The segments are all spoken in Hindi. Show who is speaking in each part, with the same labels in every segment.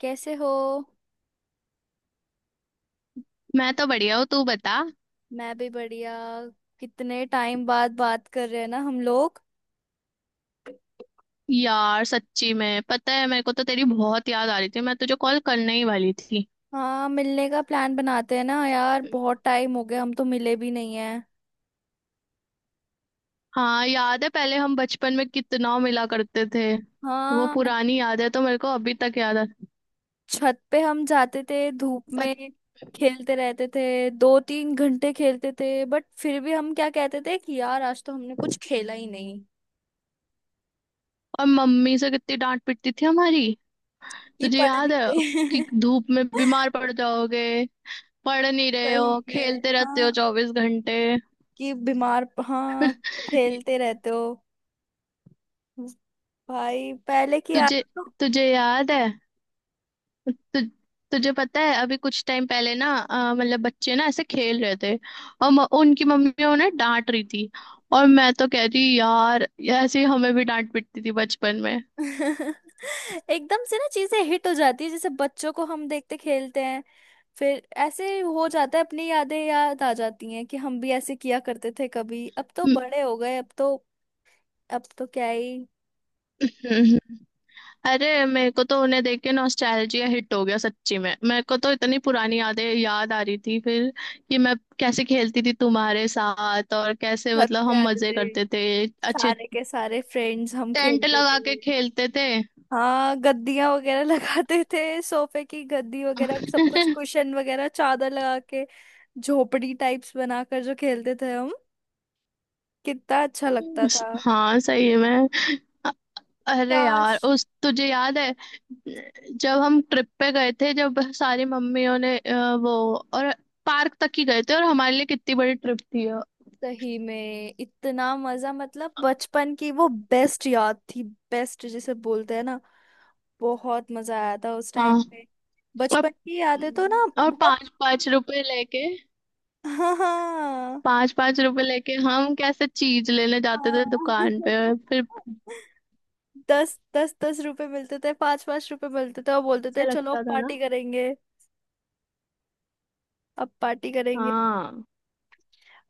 Speaker 1: कैसे हो।
Speaker 2: मैं तो बढ़िया हूँ। तू बता।
Speaker 1: मैं भी बढ़िया। कितने टाइम बाद बात कर रहे हैं ना हम लोग।
Speaker 2: यार, सच्ची में पता है, मेरे को तो तेरी बहुत याद आ रही थी, मैं तुझे कॉल करने ही वाली थी।
Speaker 1: हाँ, मिलने का प्लान बनाते हैं ना यार, बहुत टाइम हो गया, हम तो मिले भी नहीं है।
Speaker 2: हाँ, याद है, पहले हम बचपन में कितना मिला करते थे। वो
Speaker 1: हाँ।
Speaker 2: पुरानी याद है तो मेरे को अभी तक याद है।
Speaker 1: छत पे हम जाते थे धूप
Speaker 2: पर।
Speaker 1: में, खेलते रहते थे। 2-3 घंटे खेलते थे, बट फिर भी हम क्या कहते थे कि यार आज तो हमने कुछ खेला ही नहीं।
Speaker 2: और मम्मी से कितनी डांट पिटती थी हमारी।
Speaker 1: कि
Speaker 2: तुझे
Speaker 1: पढ़
Speaker 2: याद
Speaker 1: नहीं
Speaker 2: है? कि
Speaker 1: गए।
Speaker 2: धूप में बीमार पड़ जाओगे, पढ़ नहीं रहे
Speaker 1: सही
Speaker 2: हो,
Speaker 1: में
Speaker 2: खेलते रहते
Speaker 1: हाँ,
Speaker 2: हो 24 घंटे।
Speaker 1: कि बीमार, हाँ कि खेलते रहते हो, भाई पहले की
Speaker 2: तुझे
Speaker 1: आदत तो।
Speaker 2: तुझे याद है। तु, तुझे पता है, अभी कुछ टाइम पहले ना, मतलब बच्चे ना ऐसे खेल रहे थे, और उनकी मम्मी उन्हें डांट रही थी, और मैं तो कह रही यार, ऐसे ही हमें भी डांट पिटती थी बचपन में।
Speaker 1: एकदम से ना चीजें हिट हो जाती है, जैसे बच्चों को हम देखते खेलते हैं। फिर ऐसे हो जाता है, अपनी यादें याद आ जाती हैं कि हम भी ऐसे किया करते थे कभी। अब तो
Speaker 2: हम्म,
Speaker 1: बड़े हो गए, अब तो, अब तो क्या ही।
Speaker 2: हम्म, हम्म। अरे, मेरे को तो उन्हें देख के नॉस्टैल्जिया हिट हो गया। सच्ची में मेरे को तो इतनी पुरानी यादें याद आ रही थी फिर, कि मैं कैसे खेलती थी तुम्हारे साथ और कैसे,
Speaker 1: छत
Speaker 2: मतलब,
Speaker 1: पे
Speaker 2: हम
Speaker 1: आते
Speaker 2: मजे
Speaker 1: थे,
Speaker 2: करते थे। अच्छे।
Speaker 1: सारे के सारे फ्रेंड्स हम
Speaker 2: टेंट
Speaker 1: खेलते
Speaker 2: लगा के
Speaker 1: थे।
Speaker 2: खेलते थे।
Speaker 1: हाँ, गद्दियां वगैरह लगाते थे, सोफे की गद्दी वगैरह सब कुछ, कुशन वगैरह चादर लगा के, झोपड़ी टाइप्स बनाकर जो खेलते थे हम। कितना अच्छा लगता था।
Speaker 2: हाँ, सही में। अरे
Speaker 1: काश।
Speaker 2: यार, उस तुझे याद है जब हम ट्रिप पे गए थे, जब सारी मम्मियों ने अ, वो और पार्क तक ही गए थे, और हमारे लिए कितनी बड़ी ट्रिप थी वो।
Speaker 1: सही में इतना मजा, मतलब बचपन की वो बेस्ट याद थी। बेस्ट जिसे बोलते हैं ना। बहुत मजा आया था उस
Speaker 2: हाँ।
Speaker 1: टाइम पे।
Speaker 2: और
Speaker 1: बचपन की यादें तो ना
Speaker 2: और
Speaker 1: बहुत।
Speaker 2: 5-5 रुपए लेके,
Speaker 1: हाँ, हाँ,
Speaker 2: 5-5 रुपए लेके हम कैसे चीज लेने जाते थे दुकान
Speaker 1: हाँ।
Speaker 2: पे फिर।
Speaker 1: दस दस दस रुपए मिलते थे, पांच पांच रुपए मिलते थे, और बोलते
Speaker 2: अच्छा
Speaker 1: थे चलो अब
Speaker 2: लगता था ना?
Speaker 1: पार्टी करेंगे, अब पार्टी करेंगे।
Speaker 2: हाँ।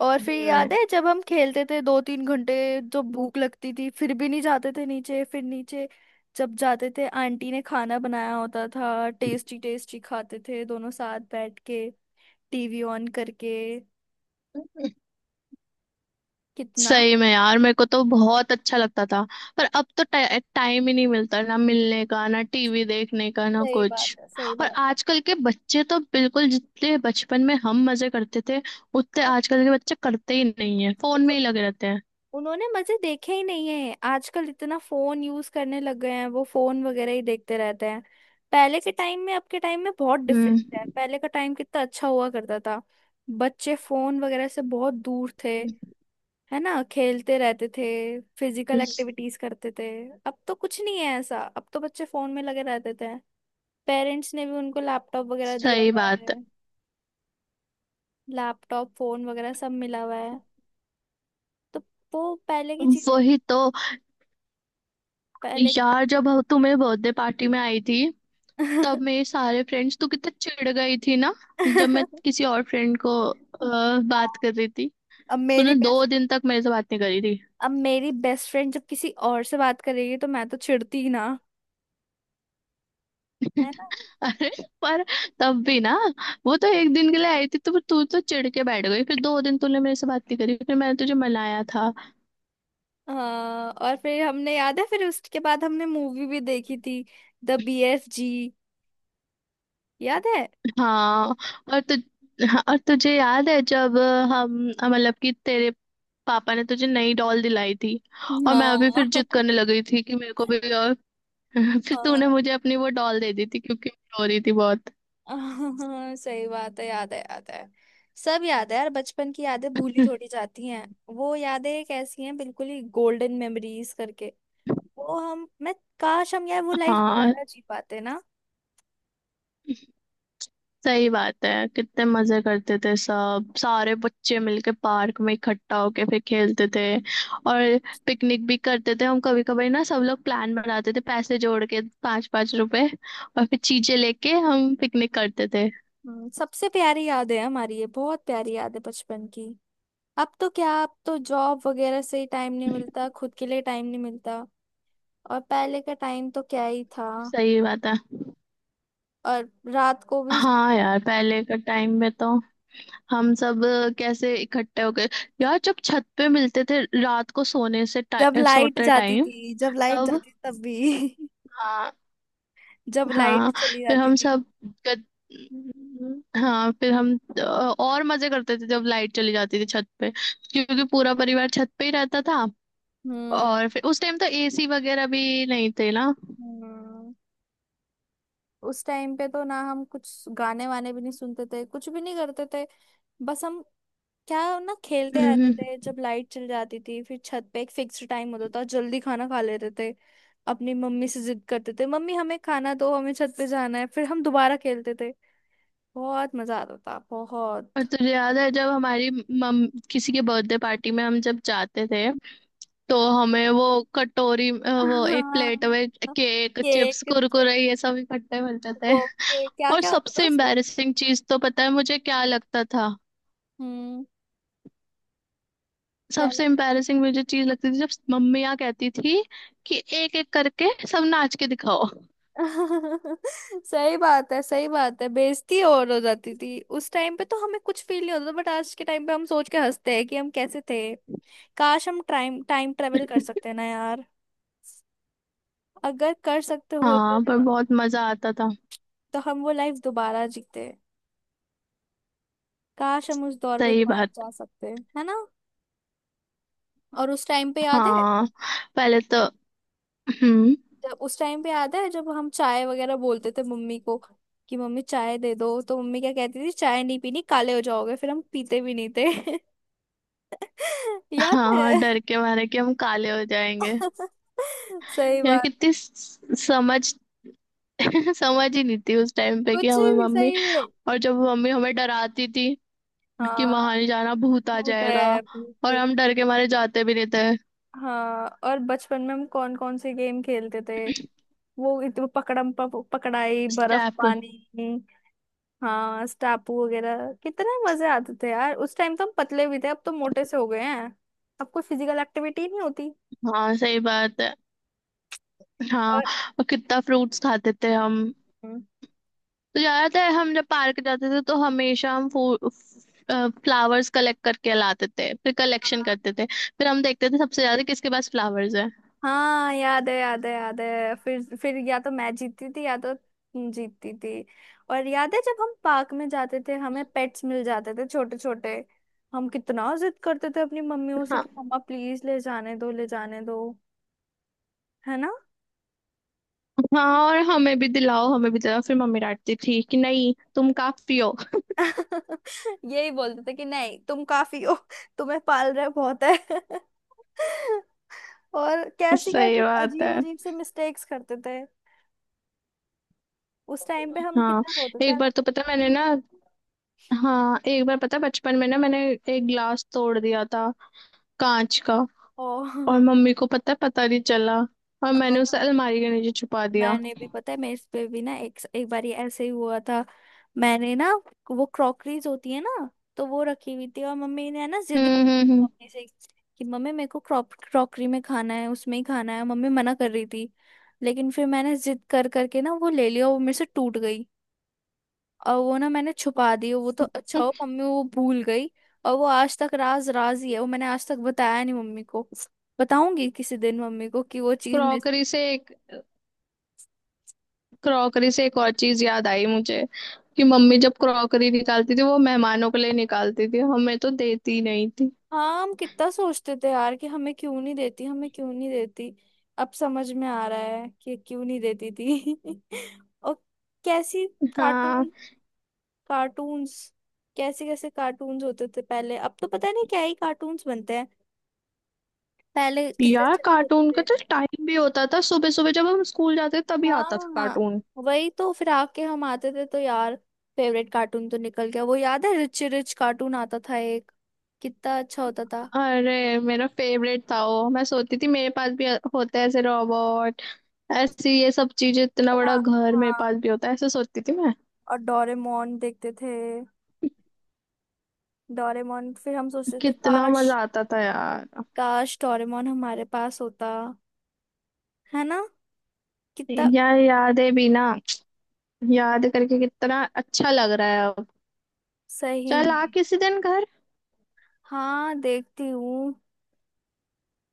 Speaker 1: और फिर
Speaker 2: वही
Speaker 1: याद
Speaker 2: में,
Speaker 1: है जब हम खेलते थे 2-3 घंटे, जो भूख लगती थी फिर भी नहीं जाते थे नीचे। फिर नीचे जब जाते थे आंटी ने खाना बनाया होता था, टेस्टी टेस्टी खाते थे दोनों साथ बैठ के, टीवी ऑन करके, कितना।
Speaker 2: सही में यार, मेरे को तो बहुत अच्छा लगता था। पर अब तो टाइम ही नहीं मिलता, ना मिलने का, ना टीवी देखने का, ना
Speaker 1: सही बात
Speaker 2: कुछ।
Speaker 1: है, सही
Speaker 2: और
Speaker 1: बात
Speaker 2: आजकल के बच्चे तो बिल्कुल, जितने बचपन में हम मजे करते थे उतने आजकल के बच्चे करते ही नहीं है, फोन
Speaker 1: है।
Speaker 2: में ही लगे रहते हैं।
Speaker 1: उन्होंने मजे देखे ही नहीं है, आजकल इतना फोन यूज करने लग गए हैं, वो फोन वगैरह ही देखते रहते हैं। पहले के टाइम में, अब के टाइम में बहुत
Speaker 2: हम्म।
Speaker 1: डिफरेंस है। पहले का टाइम कितना अच्छा हुआ करता था। बच्चे फोन वगैरह से बहुत दूर थे, है ना। खेलते रहते थे, फिजिकल
Speaker 2: स-
Speaker 1: एक्टिविटीज करते थे। अब तो कुछ नहीं है ऐसा, अब तो बच्चे फोन में लगे रहते थे। पेरेंट्स ने भी उनको लैपटॉप वगैरह दिया
Speaker 2: सही
Speaker 1: हुआ
Speaker 2: बात है।
Speaker 1: है, लैपटॉप फोन वगैरह सब मिला हुआ है। तो वो पहले की चीजें,
Speaker 2: वही तो।
Speaker 1: पहले।
Speaker 2: यार, जब तू मेरे बर्थडे पार्टी में आई थी, तब मेरे सारे फ्रेंड्स, तू कितने चिढ़ गई थी ना, जब मैं किसी और फ्रेंड को
Speaker 1: हाँ।
Speaker 2: बात कर रही थी।
Speaker 1: अब मेरी
Speaker 2: तूने दो
Speaker 1: बेस्ट
Speaker 2: दिन तक मेरे से बात नहीं करी थी।
Speaker 1: अब मेरी बेस्ट फ्रेंड जब किसी और से बात करेगी तो मैं तो चिढ़ती ही ना, है ना।
Speaker 2: अरे, पर तब भी ना, वो तो एक दिन के लिए आई थी, तो तू तो चिढ़ के बैठ गई, फिर 2 दिन तूने मेरे से बात नहीं करी, फिर मैंने तुझे मनाया था।
Speaker 1: हाँ, और फिर हमने याद है, फिर उसके बाद हमने मूवी भी देखी थी। The BFG। याद है।
Speaker 2: हाँ। और तु, हाँ, और तुझे याद है जब हम, मतलब कि तेरे पापा ने तुझे नई डॉल दिलाई थी, और मैं अभी
Speaker 1: हाँ।
Speaker 2: फिर जिद करने लग गई थी कि मेरे को भी? और फिर तूने मुझे अपनी वो डॉल दे दी थी क्योंकि मैं रो रही थी बहुत।
Speaker 1: हाँ, हाँ, सही बात है, याद है, याद है। सब याद है यार, बचपन की यादें भूली थोड़ी जाती हैं। वो यादें एक ऐसी हैं, बिल्कुल ही गोल्डन मेमोरीज करके। वो हम मैं, काश हम यार वो लाइफ
Speaker 2: हाँ,
Speaker 1: दोबारा जी पाते ना।
Speaker 2: सही बात है, कितने मजे करते थे, सब सारे बच्चे मिलके पार्क में इकट्ठा होके फिर खेलते थे। और पिकनिक भी करते थे हम कभी कभी ना, सब लोग प्लान बनाते थे, पैसे जोड़ के 5-5 रुपए, और फिर चीजें लेके हम पिकनिक करते थे।
Speaker 1: हम्म। सबसे प्यारी याद है हमारी, ये बहुत प्यारी याद है बचपन की। अब तो क्या, अब तो जॉब वगैरह से ही टाइम नहीं मिलता, खुद के लिए टाइम नहीं मिलता। और पहले का टाइम तो क्या ही था।
Speaker 2: सही बात है।
Speaker 1: और रात को भी,
Speaker 2: हाँ यार, पहले का टाइम में तो, हम सब कैसे इकट्ठे हो गए, यार, जब छत पे मिलते थे रात को सोने से
Speaker 1: जब लाइट
Speaker 2: सोते
Speaker 1: जाती
Speaker 2: टाइम।
Speaker 1: थी, जब लाइट
Speaker 2: तब।
Speaker 1: जाती तब भी
Speaker 2: हाँ।
Speaker 1: जब लाइट
Speaker 2: हाँ
Speaker 1: चली
Speaker 2: फिर
Speaker 1: जाती
Speaker 2: हम
Speaker 1: थी।
Speaker 2: सब गद... हाँ फिर हम अ, और मजे करते थे जब लाइट चली जाती थी छत पे, क्योंकि पूरा परिवार छत पे ही रहता था।
Speaker 1: हम्म,
Speaker 2: और फिर उस टाइम तो एसी वगैरह भी नहीं थे ना।
Speaker 1: हम्म। उस टाइम पे तो ना हम कुछ गाने वाने भी नहीं सुनते थे, कुछ भी नहीं करते थे, बस हम क्या, हम ना खेलते रहते
Speaker 2: हम्म।
Speaker 1: थे जब लाइट चली जाती थी। फिर छत पे एक फिक्स टाइम होता था, जल्दी खाना खा लेते थे। अपनी मम्मी से जिद करते थे, मम्मी हमें खाना दो, हमें छत पे जाना है। फिर हम दोबारा खेलते थे। बहुत मजा आता था,
Speaker 2: और
Speaker 1: बहुत।
Speaker 2: तुझे याद है जब हमारी मम किसी के बर्थडे पार्टी में हम जब जाते थे, तो हमें वो कटोरी, वो
Speaker 1: हाँ।
Speaker 2: एक प्लेट में cake,
Speaker 1: cake
Speaker 2: chips,
Speaker 1: chip,
Speaker 2: Kurkure ये सब इकट्ठे मिलते थे।
Speaker 1: वो केक क्या
Speaker 2: और
Speaker 1: क्या होता था
Speaker 2: सबसे
Speaker 1: उसमें।
Speaker 2: एम्बैरेसिंग चीज तो पता है मुझे क्या लगता था?
Speaker 1: हम्म। क्या
Speaker 2: सबसे
Speaker 1: लग,
Speaker 2: एम्बैरेसिंग मुझे चीज लगती थी जब मम्मियाँ कहती थी कि एक एक करके सब नाच के दिखाओ।
Speaker 1: सही बात है, सही बात है, बेइज्जती और हो जाती थी। उस टाइम पे तो हमें कुछ फील नहीं होता था, बट आज के टाइम पे हम सोच के हंसते हैं कि हम कैसे थे। काश हम टाइम टाइम ट्रेवल कर सकते ना यार। अगर कर सकते होते
Speaker 2: हाँ। पर
Speaker 1: ना,
Speaker 2: बहुत मजा आता था।
Speaker 1: तो हम वो लाइफ दोबारा जीते। काश हम उस दौर पे
Speaker 2: सही
Speaker 1: दोबारा
Speaker 2: बात।
Speaker 1: जा सकते, है ना। और
Speaker 2: हाँ, पहले तो। हम्म।
Speaker 1: उस टाइम पे याद है जब हम चाय वगैरह बोलते थे मम्मी को, कि मम्मी चाय दे दो, तो मम्मी क्या कहती थी, चाय नहीं पीनी, काले हो जाओगे। फिर हम पीते भी नहीं थे। याद
Speaker 2: हाँ,
Speaker 1: है।
Speaker 2: डर के मारे कि हम काले हो जाएंगे।
Speaker 1: सही
Speaker 2: यार
Speaker 1: बात।
Speaker 2: कितनी समझ, समझ ही नहीं थी उस टाइम पे, कि
Speaker 1: कुछ
Speaker 2: हमें,
Speaker 1: भी,
Speaker 2: मम्मी।
Speaker 1: सही में।
Speaker 2: और जब मम्मी हमें डराती थी कि
Speaker 1: हाँ।
Speaker 2: वहां नहीं जाना, भूत आ
Speaker 1: भूत
Speaker 2: जाएगा,
Speaker 1: है
Speaker 2: और
Speaker 1: भूत।
Speaker 2: हम डर के मारे जाते भी नहीं थे।
Speaker 1: हाँ, और बचपन में हम कौन कौन से गेम खेलते थे। वो वो पकड़म पकड़ाई, बर्फ
Speaker 2: स्टेप।
Speaker 1: पानी। हाँ, स्टापू वगैरह। कितने मजे आते थे यार उस टाइम, तो हम पतले भी थे, अब तो मोटे से हो गए हैं। अब कोई फिजिकल एक्टिविटी नहीं होती।
Speaker 2: हाँ, सही बात है। हाँ।
Speaker 1: और।
Speaker 2: और कितना फ्रूट्स खाते थे हम।
Speaker 1: हम्म।
Speaker 2: तो याद है, हम जब पार्क जाते थे तो हमेशा हम फ्लावर्स कलेक्ट करके लाते थे, फिर कलेक्शन करते थे, फिर हम देखते थे सबसे ज्यादा किसके पास फ्लावर्स है।
Speaker 1: हाँ, याद है, याद है, याद है। फिर या तो मैं जीतती थी, या तो तुम जीतती थी। और याद है, जब हम पार्क में जाते थे हमें पेट्स मिल जाते थे छोटे छोटे। हम कितना जिद करते थे अपनी मम्मियों से,
Speaker 2: हाँ।
Speaker 1: कि मम्मा प्लीज ले जाने दो, ले जाने दो, है ना।
Speaker 2: हाँ, और हमें भी दिलाओ, हमें भी दिलाओ, फिर मम्मी डांटती थी कि नहीं, तुम काफी हो।
Speaker 1: यही बोलते थे कि नहीं तुम काफी हो, तुम्हें पाल रहे बहुत है। और कैसी कैसी
Speaker 2: सही बात
Speaker 1: अजीब
Speaker 2: है।
Speaker 1: अजीब से मिस्टेक्स करते थे। उस टाइम पे हम
Speaker 2: हाँ
Speaker 1: कितना रोते थे।
Speaker 2: एक बार तो पता है, मैंने ना हाँ, एक बार पता है, बचपन में ना मैंने एक ग्लास तोड़ दिया था, कांच का,
Speaker 1: ओ।
Speaker 2: और मम्मी को पता पता नहीं चला, और मैंने उसे अलमारी के नीचे छुपा दिया।
Speaker 1: मैंने भी पता है, मैं इस पे भी ना एक एक बारी ऐसे ही हुआ था। मैंने ना, वो क्रॉकरीज होती है ना, तो वो रखी हुई थी, और मम्मी ने है ना जिद
Speaker 2: हम्म,
Speaker 1: करी
Speaker 2: हम्म, हम्म।
Speaker 1: मम्मी से, कि मम्मी मेरे को क्रॉप क्रॉकरी में खाना है, उसमें ही खाना है, मम्मी मना कर रही थी। लेकिन फिर मैंने जिद कर करके ना वो ले लिया, वो मेरे से टूट गई। और वो ना मैंने छुपा दी, वो तो अच्छा हो मम्मी वो भूल गई। और वो आज तक राज राज ही है, वो मैंने आज तक बताया नहीं मम्मी को। बताऊंगी किसी दिन मम्मी को कि वो चीज मिस।
Speaker 2: क्रॉकरी से एक क्रॉकरी से एक और चीज याद आई मुझे, कि मम्मी जब क्रॉकरी निकालती थी वो मेहमानों के लिए निकालती थी, हमें तो देती नहीं थी।
Speaker 1: हाँ, हम कितना सोचते थे यार कि हमें क्यों नहीं देती, हमें क्यों नहीं देती। अब समझ में आ रहा है कि क्यों नहीं देती थी। और कैसी,
Speaker 2: हाँ
Speaker 1: कार्टून, कार्टून्स। कैसे कैसे कार्टून्स होते थे पहले, अब तो पता नहीं क्या ही कार्टून्स बनते हैं। पहले कितने
Speaker 2: यार,
Speaker 1: अच्छे अच्छे होते
Speaker 2: कार्टून का
Speaker 1: थे।
Speaker 2: तो टाइम भी होता था, सुबह सुबह जब हम स्कूल जाते थे तभी आता था
Speaker 1: हाँ,
Speaker 2: कार्टून।
Speaker 1: वही तो। फिर आके हम आते थे तो यार, फेवरेट कार्टून तो निकल गया, वो याद है, रिच रिच कार्टून आता था एक। कितना अच्छा होता था।
Speaker 2: अरे, मेरा फेवरेट था वो, मैं सोचती थी मेरे पास भी होता है ऐसे रोबोट, ऐसी ये सब चीजें, इतना बड़ा
Speaker 1: हाँ,
Speaker 2: घर मेरे
Speaker 1: हाँ।
Speaker 2: पास भी होता है, ऐसे सोचती थी मैं।
Speaker 1: और डोरेमोन देखते थे, डोरेमोन फिर हम सोचते थे,
Speaker 2: कितना
Speaker 1: काश।
Speaker 2: मजा आता था यार।
Speaker 1: काश डोरेमोन हमारे पास होता, है ना। कितना।
Speaker 2: यार, यादें भी ना, याद करके कितना अच्छा लग रहा है अब।
Speaker 1: सही
Speaker 2: चल,
Speaker 1: में।
Speaker 2: आ किसी दिन घर।
Speaker 1: हाँ, देखती हूँ,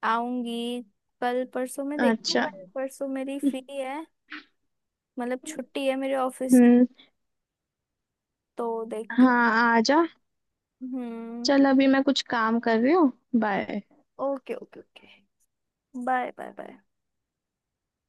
Speaker 1: आऊंगी। कल परसों में देखती हूँ,
Speaker 2: अच्छा।
Speaker 1: कल परसों मेरी फ्री है, मतलब छुट्टी है मेरे ऑफिस की,
Speaker 2: हम्म।
Speaker 1: तो देखती हूँ।
Speaker 2: हाँ, आ जा।
Speaker 1: हम्म।
Speaker 2: चल, अभी मैं कुछ काम कर रही हूँ। Bye.
Speaker 1: Okay, okay, okay. Bye, bye, bye.